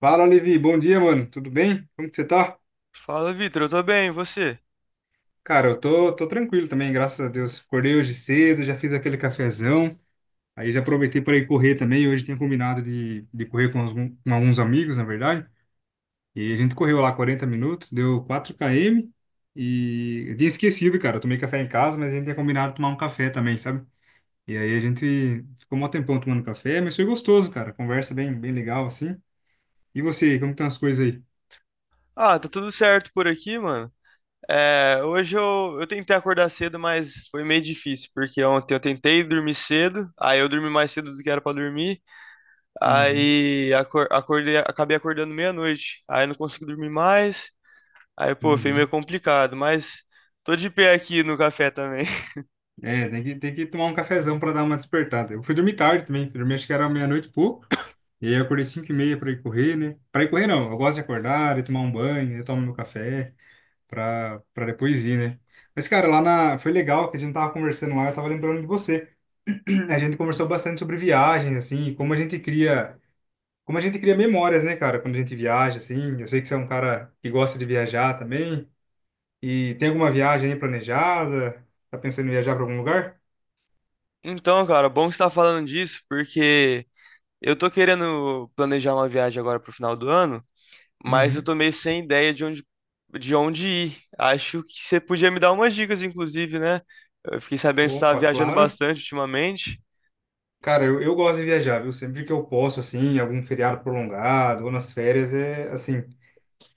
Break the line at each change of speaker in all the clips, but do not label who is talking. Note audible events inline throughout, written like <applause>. Fala, Levi. Bom dia, mano. Tudo bem? Como que você tá?
Fala, Vitor, eu tô bem, e você?
Cara, eu tô tranquilo também, graças a Deus. Acordei hoje cedo, já fiz aquele cafezão. Aí já aproveitei para ir correr também. Hoje tinha combinado de correr com alguns amigos, na verdade. E a gente correu lá 40 minutos, deu 4 km. E eu tinha esquecido, cara. Eu tomei café em casa, mas a gente tinha combinado de tomar um café também, sabe? E aí a gente ficou um tempão tomando café, mas foi gostoso, cara. Conversa bem, bem legal, assim. E você, como que estão as coisas aí?
Ah, tá tudo certo por aqui, mano. É, hoje eu tentei acordar cedo, mas foi meio difícil, porque ontem eu tentei dormir cedo, aí eu dormi mais cedo do que era pra dormir,
Uhum,
aí acordei, acabei acordando meia-noite, aí não consegui dormir mais, aí pô, foi meio
uhum.
complicado, mas tô de pé aqui no café também. <laughs>
É, tem que tomar um cafezão pra dar uma despertada. Eu fui dormir tarde também, fui dormir acho que era meia-noite e pouco, e aí eu acordei 5h30 pra ir correr, né? Pra ir correr não, eu gosto de acordar, de tomar um banho, de tomar meu café, pra depois ir, né? Mas, cara, foi legal que a gente tava conversando lá, eu tava lembrando de você. <clears throat> A gente conversou bastante sobre viagens, assim, e como a gente cria, como a gente cria memórias, né, cara, quando a gente viaja, assim. Eu sei que você é um cara que gosta de viajar também, e tem alguma viagem aí planejada? Tá pensando em viajar pra algum lugar?
Então, cara, bom que você tá falando disso, porque eu tô querendo planejar uma viagem agora pro final do ano, mas eu tô meio sem ideia de onde ir. Acho que você podia me dar umas dicas, inclusive, né? Eu fiquei sabendo que você estava
Opa,
viajando
claro.
bastante ultimamente.
Cara, eu gosto de viajar, viu? Sempre que eu posso, assim, em algum feriado prolongado ou nas férias, é assim,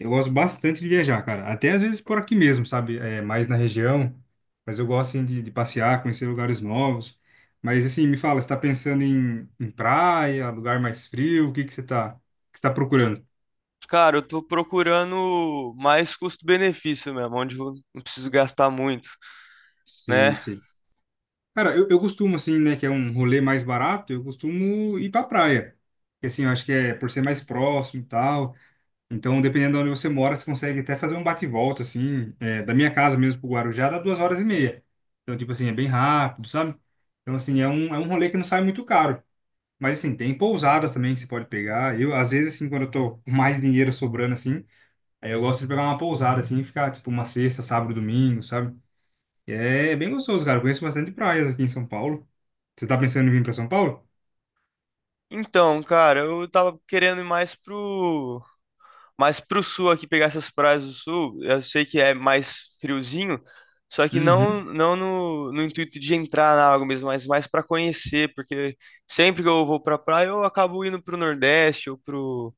eu gosto bastante de viajar, cara. Até às vezes por aqui mesmo, sabe? É, mais na região, mas eu gosto, assim, de passear, conhecer lugares novos. Mas, assim, me fala, você tá pensando em praia, lugar mais frio? O que que que você tá procurando?
Cara, eu tô procurando mais custo-benefício mesmo, onde eu não preciso gastar muito,
Sei,
né?
sei. Cara, eu costumo, assim, né, que é um rolê mais barato, eu costumo ir pra praia. Porque, assim, eu acho que é por ser mais próximo e tal. Então, dependendo de onde você mora, você consegue até fazer um bate-volta, assim, é, da minha casa mesmo pro Guarujá, dá 2 horas e meia. Então, tipo assim, é bem rápido, sabe? Então, assim, é um rolê que não sai muito caro. Mas, assim, tem pousadas também que você pode pegar. Eu, às vezes, assim, quando eu tô com mais dinheiro sobrando, assim, aí eu gosto de pegar uma pousada, assim, e ficar, tipo, uma sexta, sábado, domingo, sabe? E é bem gostoso, cara. Eu conheço bastante praias aqui em São Paulo. Você tá pensando em vir pra São Paulo?
Então, cara, eu tava querendo ir mais pro, mas pro sul aqui, pegar essas praias do sul, eu sei que é mais friozinho, só que não,
Uhum.
não no, no intuito de entrar na água mesmo, mas mais para conhecer, porque sempre que eu vou pra praia, eu acabo indo pro Nordeste ou pro,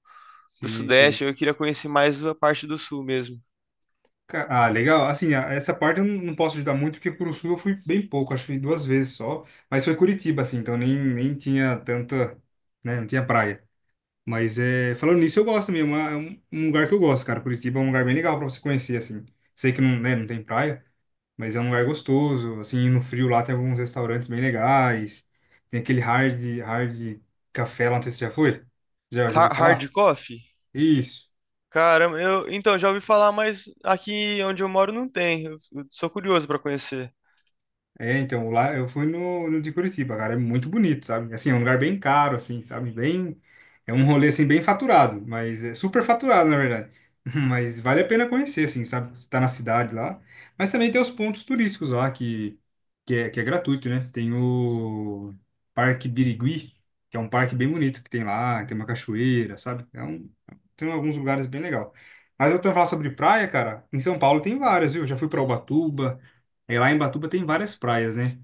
pro
Sei, sei.
Sudeste. Eu queria conhecer mais a parte do sul mesmo.
Ah, legal. Assim, essa parte eu não posso ajudar muito, porque pro sul eu fui bem pouco, acho que fui duas vezes só. Mas foi Curitiba, assim, então nem tinha tanta, né, não tinha praia. Mas é, falando nisso, eu gosto mesmo, é um lugar que eu gosto, cara. Curitiba é um lugar bem legal pra você conhecer, assim. Sei que não, né, não tem praia, mas é um lugar gostoso, assim, e no frio lá tem alguns restaurantes bem legais. Tem aquele hard café lá, não sei se você já foi. Já ouviu
Hard
falar?
coffee?
Isso.
Caramba, eu, então, já ouvi falar, mas aqui onde eu moro não tem. Eu sou curioso pra conhecer.
É, então, lá eu fui no de Curitiba, cara, é muito bonito, sabe? Assim, é um lugar bem caro, assim, sabe? Bem, é um rolê, assim, bem faturado, mas é super faturado, na verdade. <laughs> Mas vale a pena conhecer, assim, sabe? Você tá na cidade lá. Mas também tem os pontos turísticos lá, que é gratuito, né? Tem o Parque Birigui, que é um parque bem bonito que tem lá, tem uma cachoeira, sabe? Tem alguns lugares bem legal. Mas eu tô falando sobre praia, cara, em São Paulo tem várias, viu? Já fui pra Ubatuba, é, lá em Batuba tem várias praias, né?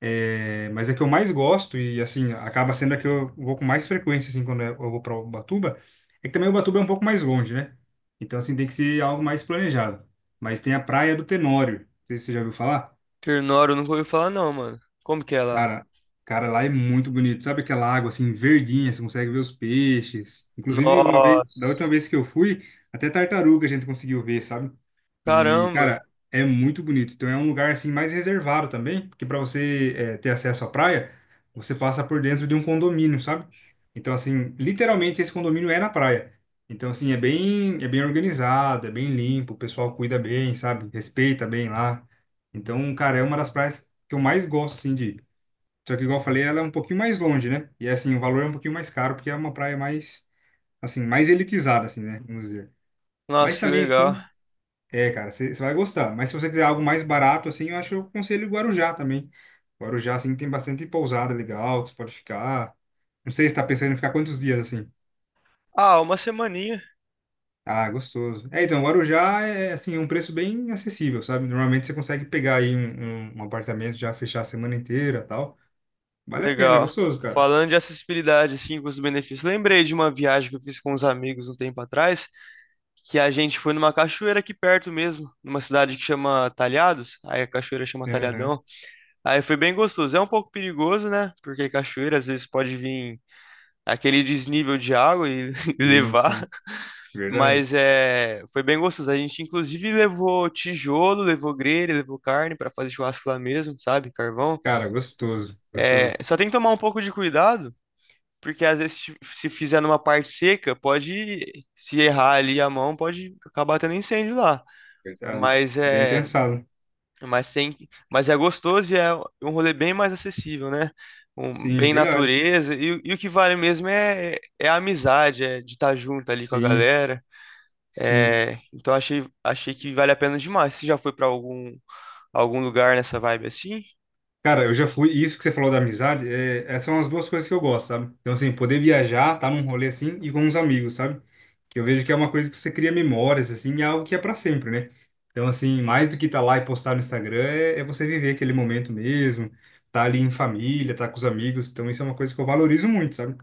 É, mas a que eu mais gosto, e assim, acaba sendo a que eu vou com mais frequência, assim, quando eu vou para Ubatuba, é que também Ubatuba é um pouco mais longe, né? Então, assim, tem que ser algo mais planejado. Mas tem a Praia do Tenório, não sei se você já ouviu falar.
Ternório, eu nunca ouvi falar não, mano. Como que é lá?
Cara, cara, lá é muito bonito. Sabe aquela água, assim, verdinha, você consegue ver os peixes. Inclusive, uma vez, da última
Nossa,
vez que eu fui, até tartaruga a gente conseguiu ver, sabe? E,
caramba.
cara, é muito bonito. Então é um lugar assim mais reservado também, porque para você ter acesso à praia, você passa por dentro de um condomínio, sabe? Então assim, literalmente esse condomínio é na praia. Então assim, é bem organizado, é bem limpo, o pessoal cuida bem, sabe? Respeita bem lá. Então, cara, é uma das praias que eu mais gosto assim de ir. Só que igual eu falei, ela é um pouquinho mais longe, né? E assim, o valor é um pouquinho mais caro porque é uma praia mais assim, mais elitizada assim, né? Vamos dizer. Mas
Nossa, que
também
legal.
assim, é, cara, você vai gostar. Mas se você quiser algo mais barato, assim, eu acho que eu aconselho Guarujá também. Guarujá, assim, tem bastante pousada legal, que você pode ficar. Não sei se tá pensando em ficar quantos dias, assim.
Ah, uma semaninha.
Ah, gostoso. É, então, Guarujá é, assim, é um preço bem acessível, sabe? Normalmente você consegue pegar aí um apartamento, já fechar a semana inteira tal. Vale a pena, é
Legal.
gostoso, cara.
Falando de acessibilidade, assim, com os benefícios. Lembrei de uma viagem que eu fiz com uns amigos um tempo atrás, que a gente foi numa cachoeira aqui perto mesmo, numa cidade que chama Talhados. Aí a cachoeira chama
Aham.
Talhadão. Aí foi bem gostoso. É um pouco perigoso, né? Porque cachoeira às vezes pode vir aquele desnível de água e <laughs>
Sim,
levar.
sim. Verdade.
Mas é, foi bem gostoso. A gente inclusive levou tijolo, levou grelha, levou carne para fazer churrasco lá mesmo, sabe? Carvão.
Cara, gostoso, gostoso.
É, só tem que tomar um pouco de cuidado, porque às vezes se fizer numa parte seca, pode se errar ali a mão, pode acabar tendo incêndio lá.
Verdade.
Mas
Bem
é,
pensado.
mas tem, mas é gostoso e é um rolê bem mais acessível, né? Um,
Sim,
bem
verdade.
natureza e, e o que vale mesmo é, é a amizade, é de estar junto ali com a
Sim,
galera.
sim.
É, então achei, achei que vale a pena demais. Você já foi para algum lugar nessa vibe assim?
Cara, eu já fui. Isso que você falou da amizade, é, essas são as duas coisas que eu gosto, sabe? Então, assim, poder viajar, tá num rolê assim e com uns amigos, sabe? Que eu vejo que é uma coisa que você cria memórias, assim, e é algo que é pra sempre, né? Então, assim, mais do que tá lá e postar no Instagram, é você viver aquele momento mesmo, tá ali em família, tá com os amigos. Então, isso é uma coisa que eu valorizo muito, sabe?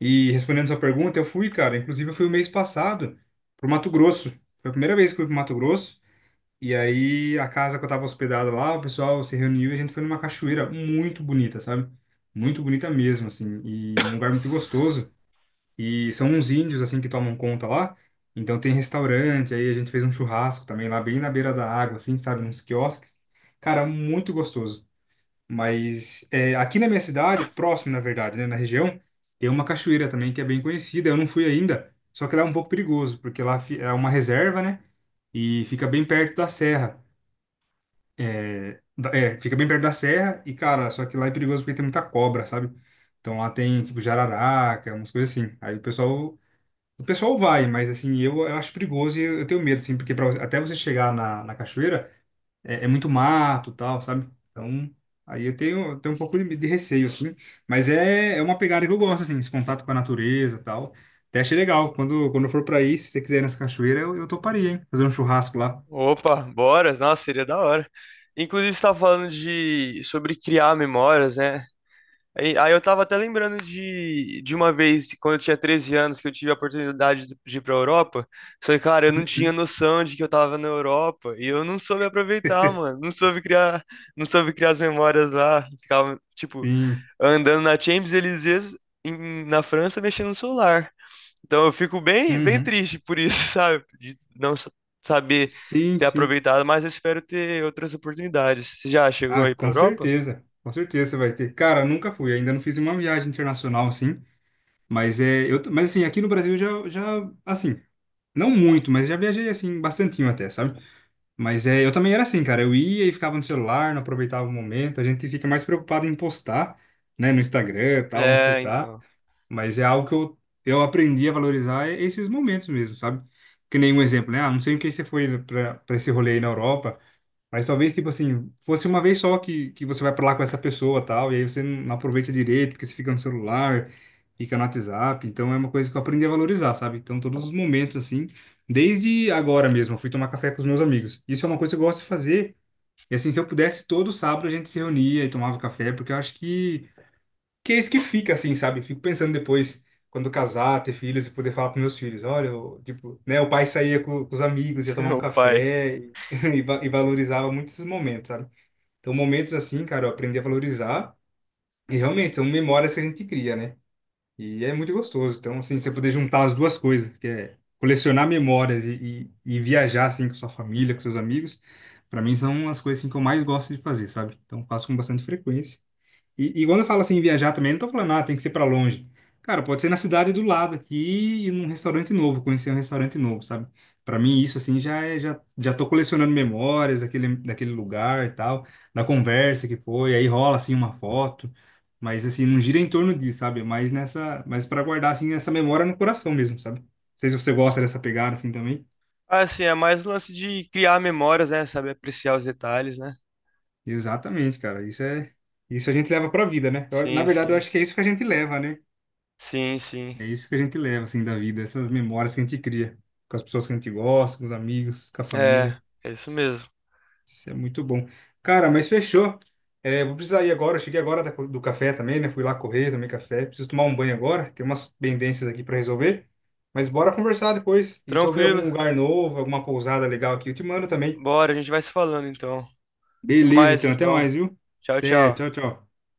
E respondendo sua pergunta, eu fui, cara. Inclusive, eu fui o mês passado pro Mato Grosso. Foi a primeira vez que eu fui pro Mato Grosso. E aí, a casa que eu tava hospedado lá, o pessoal se reuniu e a gente foi numa cachoeira muito bonita, sabe? Muito bonita mesmo, assim, e um lugar muito gostoso. E são uns índios, assim, que tomam conta lá. Então tem restaurante, aí a gente fez um churrasco também lá, bem na beira da água, assim, sabe? Uns quiosques. Cara, muito gostoso. Mas é, aqui na minha cidade, próximo, na verdade, né, na região, tem uma cachoeira também que é bem conhecida. Eu não fui ainda, só que lá é um pouco perigoso, porque lá é uma reserva, né? E fica bem perto da serra. É, fica bem perto da serra e, cara, só que lá é perigoso porque tem muita cobra, sabe? Então lá tem, tipo, jararaca, umas coisas assim. Aí o pessoal vai, mas assim, eu acho perigoso e eu tenho medo, assim, porque até você chegar na, na cachoeira é, é muito mato e tal, sabe? Então, aí eu tenho um pouco de receio, assim. Mas é, é uma pegada que eu gosto, assim, esse contato com a natureza e tal. Até achei legal. Quando eu for pra aí, se você quiser ir nessa cachoeira, eu toparia, hein? Fazer um churrasco lá.
Opa, bora! Nossa, seria da hora. Inclusive, você estava falando de sobre criar memórias, né? Aí eu tava até lembrando de uma vez, quando eu tinha 13 anos, que eu tive a oportunidade de ir pra Europa. Só que, cara, eu não
Uhum.
tinha noção de que eu tava na Europa. E eu não soube aproveitar, mano. Não soube criar, não soube criar as memórias lá. Ficava, tipo,
Sim.
andando na Champs-Élysées na França, mexendo no celular. Então eu fico bem, bem
Uhum.
triste por isso, <laughs> sabe? De não saber
Sim,
ter
sim.
aproveitado, mas eu espero ter outras oportunidades. Você já chegou
Ah,
aí pra
com
Europa?
certeza. Com certeza você vai ter. Cara, nunca fui, ainda não fiz uma viagem internacional assim, mas é, eu, mas assim, aqui no Brasil eu já assim, não muito, mas já viajei assim bastantinho até, sabe? Mas é, eu também era assim, cara, eu ia e ficava no celular, não aproveitava o momento, a gente fica mais preocupado em postar, né, no Instagram, tal, onde você
É,
tá,
então.
mas é algo que eu aprendi a valorizar é esses momentos mesmo, sabe? Que nem um exemplo, né? Ah, não sei o que você foi pra para esse rolê aí na Europa, mas talvez, tipo assim, fosse uma vez só que você vai pra lá com essa pessoa tal, e aí você não aproveita direito, porque você fica no celular, fica no WhatsApp. Então é uma coisa que eu aprendi a valorizar, sabe? Então todos os momentos, assim, desde agora mesmo, eu fui tomar café com os meus amigos. Isso é uma coisa que eu gosto de fazer. E assim, se eu pudesse, todo sábado a gente se reunia e tomava café, porque eu acho que é isso que fica, assim, sabe? Fico pensando depois, quando eu casar, ter filhos e poder falar pros meus filhos, olha, eu, tipo, né, o pai saía com os amigos, ia
<laughs>
tomar um
O pai.
café e, <laughs> e valorizava muito esses momentos, sabe? Então, momentos assim, cara, eu aprendi a valorizar e realmente são memórias que a gente cria, né? E é muito gostoso. Então, assim, você poder juntar as duas coisas, que é colecionar memórias e viajar, assim, com sua família, com seus amigos, para mim são as coisas, assim, que eu mais gosto de fazer, sabe? Então, faço com bastante frequência. E quando eu falo assim, viajar também, não tô falando, ah, tem que ser pra longe. Cara, pode ser na cidade do lado aqui e num restaurante novo, conhecer um restaurante novo, sabe? Pra mim, isso assim já tô colecionando memórias daquele lugar e tal, da conversa que foi, aí rola assim uma foto, mas assim, não gira em torno disso, sabe? Mas nessa, mas para guardar assim essa memória no coração mesmo, sabe? Não sei se você gosta dessa pegada assim também.
Ah, assim, é mais um lance de criar memórias, né? Saber apreciar os detalhes, né?
Exatamente, cara, isso a gente leva pra vida, né? Na
Sim,
verdade, eu
sim.
acho que é isso que a gente leva, né?
Sim, sim.
É isso que a gente leva, assim, da vida, essas memórias que a gente cria com as pessoas que a gente gosta, com os amigos, com a
É,
família.
é isso mesmo.
Isso é muito bom. Cara, mas fechou. É, vou precisar ir agora. Eu cheguei agora do café também, né? Fui lá correr, tomei café. Preciso tomar um banho agora. Tem umas pendências aqui para resolver. Mas bora conversar depois. E se eu ver algum
Tranquilo.
lugar novo, alguma pousada legal aqui, eu te mando também.
Bora, a gente vai se falando então. Até
Beleza,
mais
então, até
então.
mais, viu?
Tchau,
Até,
tchau.
tchau, tchau.